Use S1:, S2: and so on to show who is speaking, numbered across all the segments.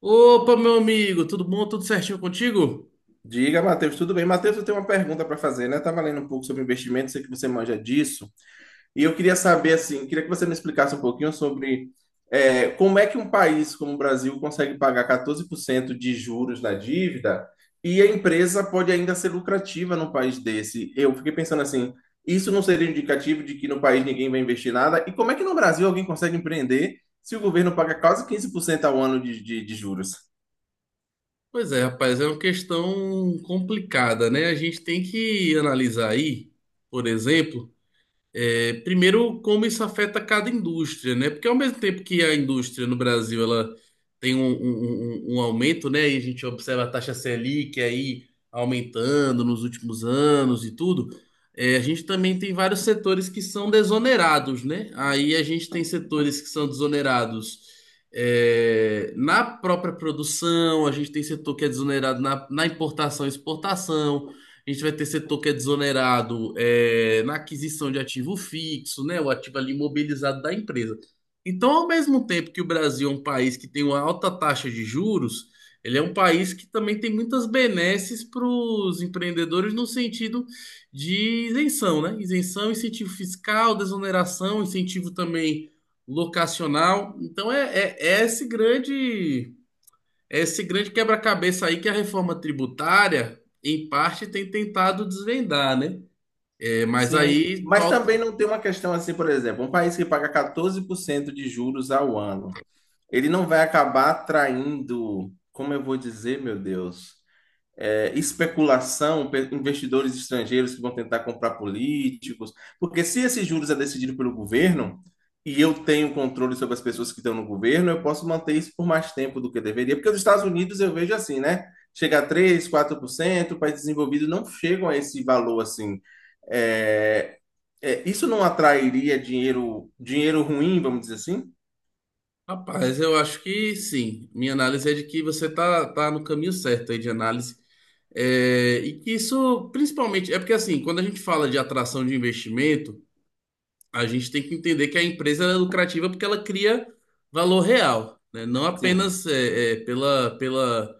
S1: Opa, meu amigo, tudo bom? Tudo certinho contigo?
S2: Diga, Matheus, tudo bem? Matheus, eu tenho uma pergunta para fazer, né? Estava lendo um pouco sobre investimento, sei que você manja disso, e eu queria saber, assim, queria que você me explicasse um pouquinho sobre como é que um país como o Brasil consegue pagar 14% de juros na dívida e a empresa pode ainda ser lucrativa num país desse. Eu fiquei pensando assim, isso não seria indicativo de que no país ninguém vai investir nada? E como é que no Brasil alguém consegue empreender se o governo paga quase 15% ao ano de juros?
S1: Pois é, rapaz, é uma questão complicada, né? A gente tem que analisar aí, por exemplo. Primeiro, como isso afeta cada indústria, né? Porque ao mesmo tempo que a indústria no Brasil ela tem um aumento, né? E a gente observa a taxa Selic aí aumentando nos últimos anos e tudo, a gente também tem vários setores que são desonerados, né? Aí a gente tem setores que são desonerados na própria produção, a gente tem setor que é desonerado na importação e exportação, a gente vai ter setor que é desonerado na aquisição de ativo fixo, né? O ativo ali imobilizado da empresa. Então, ao mesmo tempo que o Brasil é um país que tem uma alta taxa de juros, ele é um país que também tem muitas benesses para os empreendedores no sentido de isenção, né? Isenção, incentivo fiscal, desoneração, incentivo também locacional. Então, é esse grande esse grande quebra-cabeça aí que a reforma tributária, em parte, tem tentado desvendar, né? É, mas
S2: Sim,
S1: aí
S2: mas também
S1: falta.
S2: não tem uma questão assim, por exemplo, um país que paga 14% de juros ao ano, ele não vai acabar atraindo, como eu vou dizer, meu Deus? Especulação, investidores estrangeiros que vão tentar comprar políticos, porque se esses juros é decidido pelo governo e eu tenho controle sobre as pessoas que estão no governo, eu posso manter isso por mais tempo do que deveria, porque os Estados Unidos eu vejo assim, né? Chega a três, quatro por cento, países desenvolvidos não chegam a esse valor assim. É, isso não atrairia dinheiro, dinheiro ruim, vamos dizer assim?
S1: Rapaz, eu acho que sim. Minha análise é de que você tá no caminho certo aí de análise. É, e que isso, principalmente, é porque assim, quando a gente fala de atração de investimento, a gente tem que entender que a empresa ela é lucrativa porque ela cria valor real, né? Não
S2: Sim.
S1: apenas é, é, pela, pela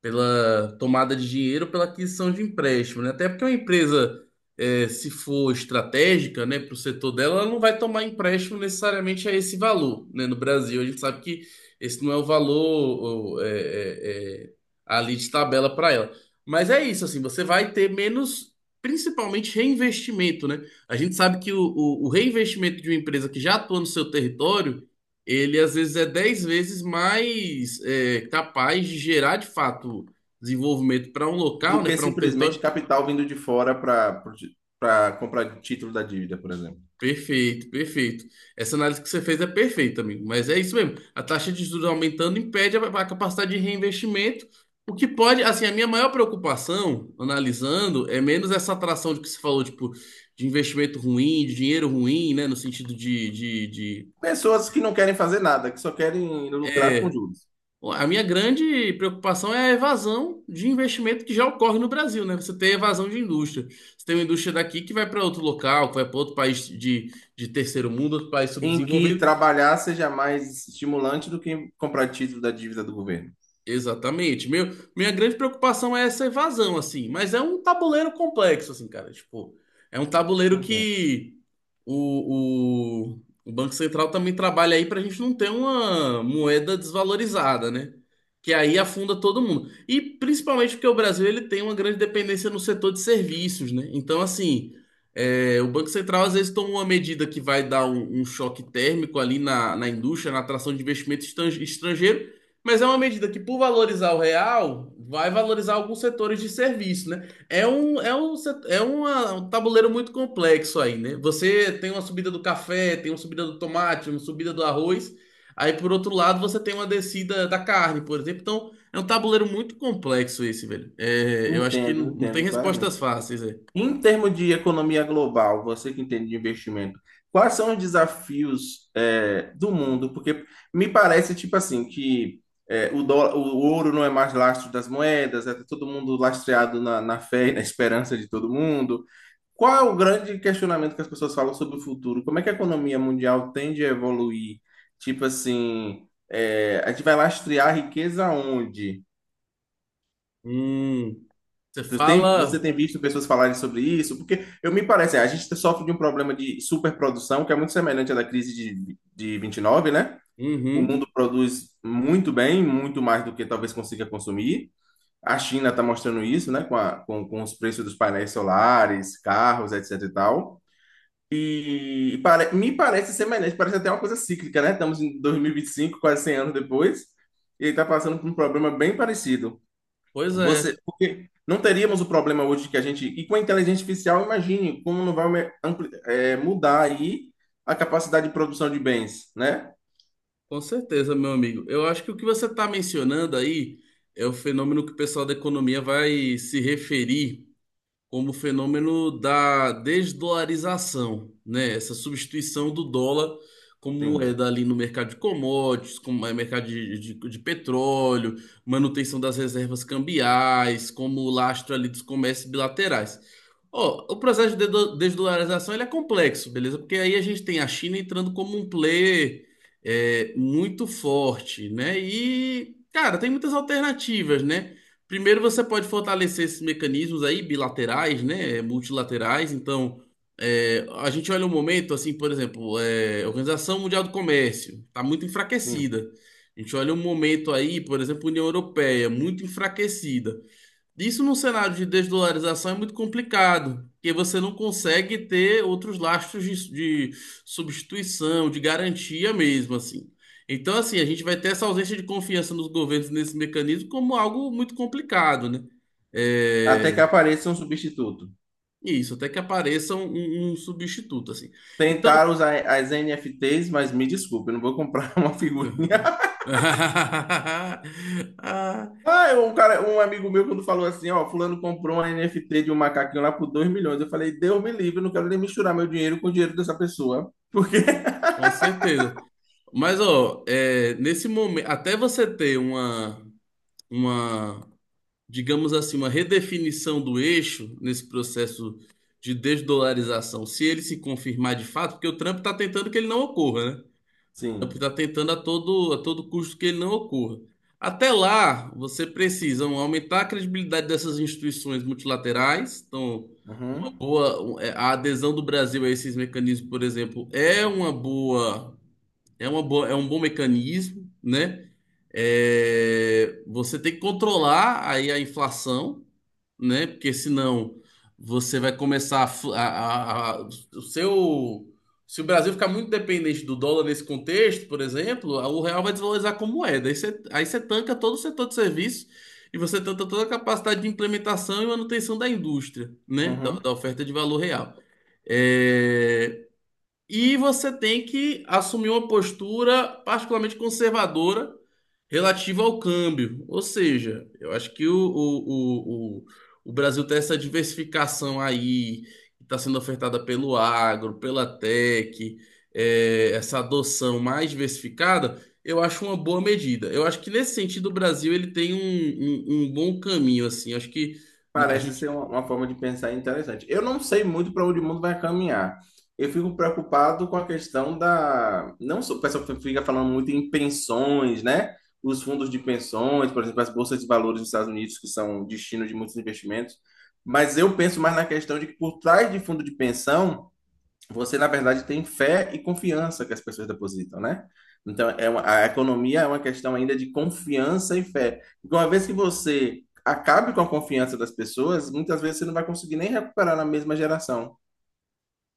S1: pela tomada de dinheiro, pela aquisição de empréstimo, né? Até porque uma empresa, se for estratégica, né, para o setor dela, ela não vai tomar empréstimo necessariamente a esse valor, né? No Brasil, a gente sabe que esse não é o valor, ali de tabela para ela. Mas é isso, assim, você vai ter menos. Principalmente reinvestimento, né? A gente sabe que o reinvestimento de uma empresa que já atua no seu território ele às vezes é 10 vezes mais capaz de gerar de fato desenvolvimento para um local,
S2: Do
S1: né,
S2: que
S1: para um território.
S2: simplesmente capital vindo de fora para comprar título da dívida, por exemplo.
S1: Perfeito, perfeito. Essa análise que você fez é perfeita, amigo. Mas é isso mesmo. A taxa de juros aumentando impede a capacidade de reinvestimento. O que pode, assim, a minha maior preocupação, analisando, é menos essa atração de que você falou, tipo, de investimento ruim, de dinheiro ruim, né, no sentido de-
S2: Pessoas que não querem fazer nada, que só querem lucrar com
S1: é,
S2: juros.
S1: a minha grande preocupação é a evasão de investimento que já ocorre no Brasil, né? Você tem evasão de indústria. Você tem uma indústria daqui que vai para outro local, que vai para outro país de terceiro mundo, outro país
S2: Em que
S1: subdesenvolvido.
S2: trabalhar seja mais estimulante do que comprar título da dívida do governo.
S1: Exatamente. Minha grande preocupação é essa evasão, assim, mas é um tabuleiro complexo, assim, cara. Tipo, é um tabuleiro
S2: Entendo.
S1: que o, o, o Banco Central também trabalha aí pra gente não ter uma moeda desvalorizada, né? Que aí afunda todo mundo. E principalmente porque o Brasil ele tem uma grande dependência no setor de serviços, né? Então, assim, o Banco Central às vezes toma uma medida que vai dar um choque térmico ali na indústria, na atração de investimento estrangeiro. Mas é uma medida que, por valorizar o real, vai valorizar alguns setores de serviço, né? Um tabuleiro muito complexo aí, né? Você tem uma subida do café, tem uma subida do tomate, uma subida do arroz. Aí, por outro lado, você tem uma descida da carne, por exemplo. Então, é um tabuleiro muito complexo esse, velho. É, eu acho que
S2: Entendo,
S1: não tem
S2: entendo claramente.
S1: respostas fáceis, é.
S2: Em termos de economia global, você que entende de investimento, quais são os desafios do mundo? Porque me parece, tipo assim, que dólar, o ouro não é mais lastro das moedas, é todo mundo lastreado na fé e na esperança de todo mundo. Qual é o grande questionamento que as pessoas falam sobre o futuro? Como é que a economia mundial tende a evoluir? Tipo assim, a gente vai lastrear a riqueza onde?
S1: Hum, você
S2: Você
S1: fala.
S2: tem visto pessoas falarem sobre isso? Porque eu me parece, a gente sofre de um problema de superprodução, que é muito semelhante à da crise de 29, né? O
S1: Uhum,
S2: mundo produz muito bem, muito mais do que talvez consiga consumir. A China está mostrando isso, né? Com os preços dos painéis solares, carros, etc e tal. Me parece semelhante, parece até uma coisa cíclica, né? Estamos em 2025, quase 100 anos depois, e ele está passando por um problema bem parecido.
S1: pois é.
S2: Você, porque não teríamos o problema hoje que a gente. E com a inteligência artificial, imagine como não vai mudar aí a capacidade de produção de bens, né?
S1: Com certeza, meu amigo. Eu acho que o que você está mencionando aí é o fenômeno que o pessoal da economia vai se referir como o fenômeno da desdolarização, né? Essa substituição do dólar como
S2: Sim,
S1: moeda ali no mercado de commodities, como é mercado de petróleo, manutenção das reservas cambiais, como lastro ali dos comércios bilaterais. Ó, o processo de desdolarização ele é complexo, beleza? Porque aí a gente tem a China entrando como um player muito forte, né? E, cara, tem muitas alternativas, né? Primeiro, você pode fortalecer esses mecanismos aí bilaterais, né? É, multilaterais. Então, a gente olha um momento, assim, por exemplo, a Organização Mundial do Comércio está muito
S2: sim.
S1: enfraquecida. A gente olha um momento aí, por exemplo, União Europeia, muito enfraquecida. Isso num cenário de desdolarização é muito complicado, porque você não consegue ter outros lastros de substituição, de garantia mesmo, assim. Então, assim, a gente vai ter essa ausência de confiança nos governos nesse mecanismo como algo muito complicado, né?
S2: Até
S1: É,
S2: que apareça um substituto.
S1: isso, até que apareça um substituto, assim. Então.
S2: Tentar usar as NFTs, mas me desculpe, eu não vou comprar uma figura.
S1: Uhum. Ah,
S2: Ah, um cara, um amigo meu quando falou assim, ó, fulano comprou uma NFT de um macaquinho lá por 2 milhões. Eu falei, Deus me livre, eu não quero nem misturar meu dinheiro com o dinheiro dessa pessoa. Porque,
S1: com certeza. Mas, ó, é, nesse momento, até você ter uma, digamos assim, uma redefinição do eixo nesse processo de desdolarização, se ele se confirmar de fato, porque o Trump está tentando que ele não ocorra, né? O Trump
S2: sim.
S1: está tentando a todo custo que ele não ocorra. Até lá, você precisa um, aumentar a credibilidade dessas instituições multilaterais. Então, uma
S2: Uhum,
S1: boa, um, a adesão do Brasil a esses mecanismos, por exemplo, é uma boa, é uma boa, é um bom mecanismo, né? É, você tem que controlar aí a inflação, né? Porque senão você vai começar a, fu- a- o seu se o Brasil ficar muito dependente do dólar nesse contexto, por exemplo, o real vai desvalorizar como moeda. Aí você tanca todo o setor de serviço e você tanca toda a capacidade de implementação e manutenção da indústria, né?
S2: uhum.
S1: Da oferta de valor real. É, e você tem que assumir uma postura particularmente conservadora relativa ao câmbio. Ou seja, eu acho que o, o, o Brasil tem essa diversificação aí, que está sendo ofertada pelo agro, pela tech, essa adoção mais diversificada, eu acho uma boa medida. Eu acho que nesse sentido o Brasil ele tem um bom caminho, assim. Eu acho que a
S2: Parece
S1: gente
S2: ser uma forma de pensar interessante. Eu não sei muito para onde o mundo vai caminhar. Eu fico preocupado com a questão da. Não só o pessoal fica falando muito em pensões, né? Os fundos de pensões, por exemplo, as bolsas de valores dos Estados Unidos, que são destino de muitos investimentos. Mas eu penso mais na questão de que por trás de fundo de pensão você, na verdade, tem fé e confiança que as pessoas depositam, né? Então, a economia é uma questão ainda de confiança e fé. Porque uma vez que você acabe com a confiança das pessoas, muitas vezes você não vai conseguir nem recuperar na mesma geração.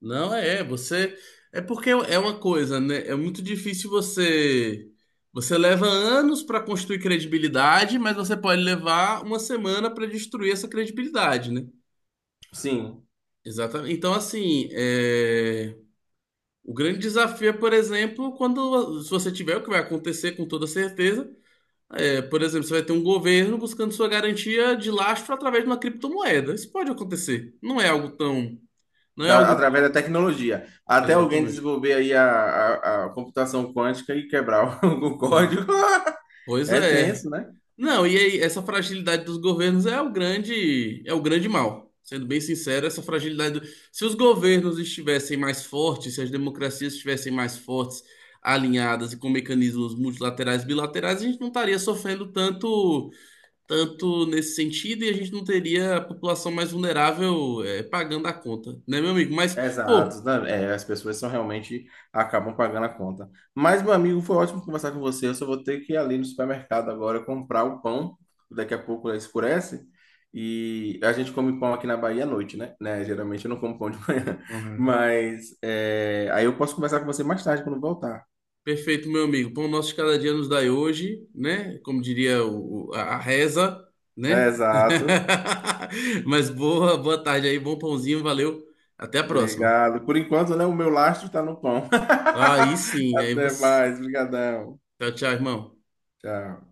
S1: Não, é, você. É porque é uma coisa, né? É muito difícil você. Você leva anos para construir credibilidade, mas você pode levar uma semana para destruir essa credibilidade, né?
S2: Sim,
S1: Exatamente. Então, assim, o grande desafio é, por exemplo, quando se você tiver o que vai acontecer com toda certeza, por exemplo, você vai ter um governo buscando sua garantia de lastro através de uma criptomoeda. Isso pode acontecer. Não é algo
S2: através da tecnologia. Até alguém
S1: exatamente.
S2: desenvolver aí a computação quântica e quebrar o, o
S1: Hum.
S2: código.
S1: Pois
S2: É
S1: é.
S2: tenso, né?
S1: Não, e aí, essa fragilidade dos governos é o grande mal. Sendo bem sincero, essa fragilidade. Se os governos estivessem mais fortes, se as democracias estivessem mais fortes, alinhadas e com mecanismos multilaterais e bilaterais, a gente não estaria sofrendo tanto, tanto nesse sentido e a gente não teria a população mais vulnerável, pagando a conta, né, meu amigo? Mas, pô.
S2: Exato, é, as pessoas são realmente acabam pagando a conta. Mas, meu amigo, foi ótimo conversar com você. Eu só vou ter que ir ali no supermercado agora comprar o pão. Daqui a pouco escurece. E a gente come pão aqui na Bahia à noite, né? Geralmente eu não como pão de manhã. Mas é, aí eu posso conversar com você mais tarde quando voltar.
S1: Perfeito, meu amigo. Pão nosso de cada dia nos dai hoje, né? Como diria a a reza, né?
S2: Exato.
S1: Mas boa, boa tarde aí, bom pãozinho, valeu. Até a próxima.
S2: Obrigado. Por enquanto, né? O meu lastro está no pão.
S1: Aí sim, aí
S2: Até
S1: você.
S2: mais. Obrigadão.
S1: Tchau, tchau, irmão.
S2: Tchau.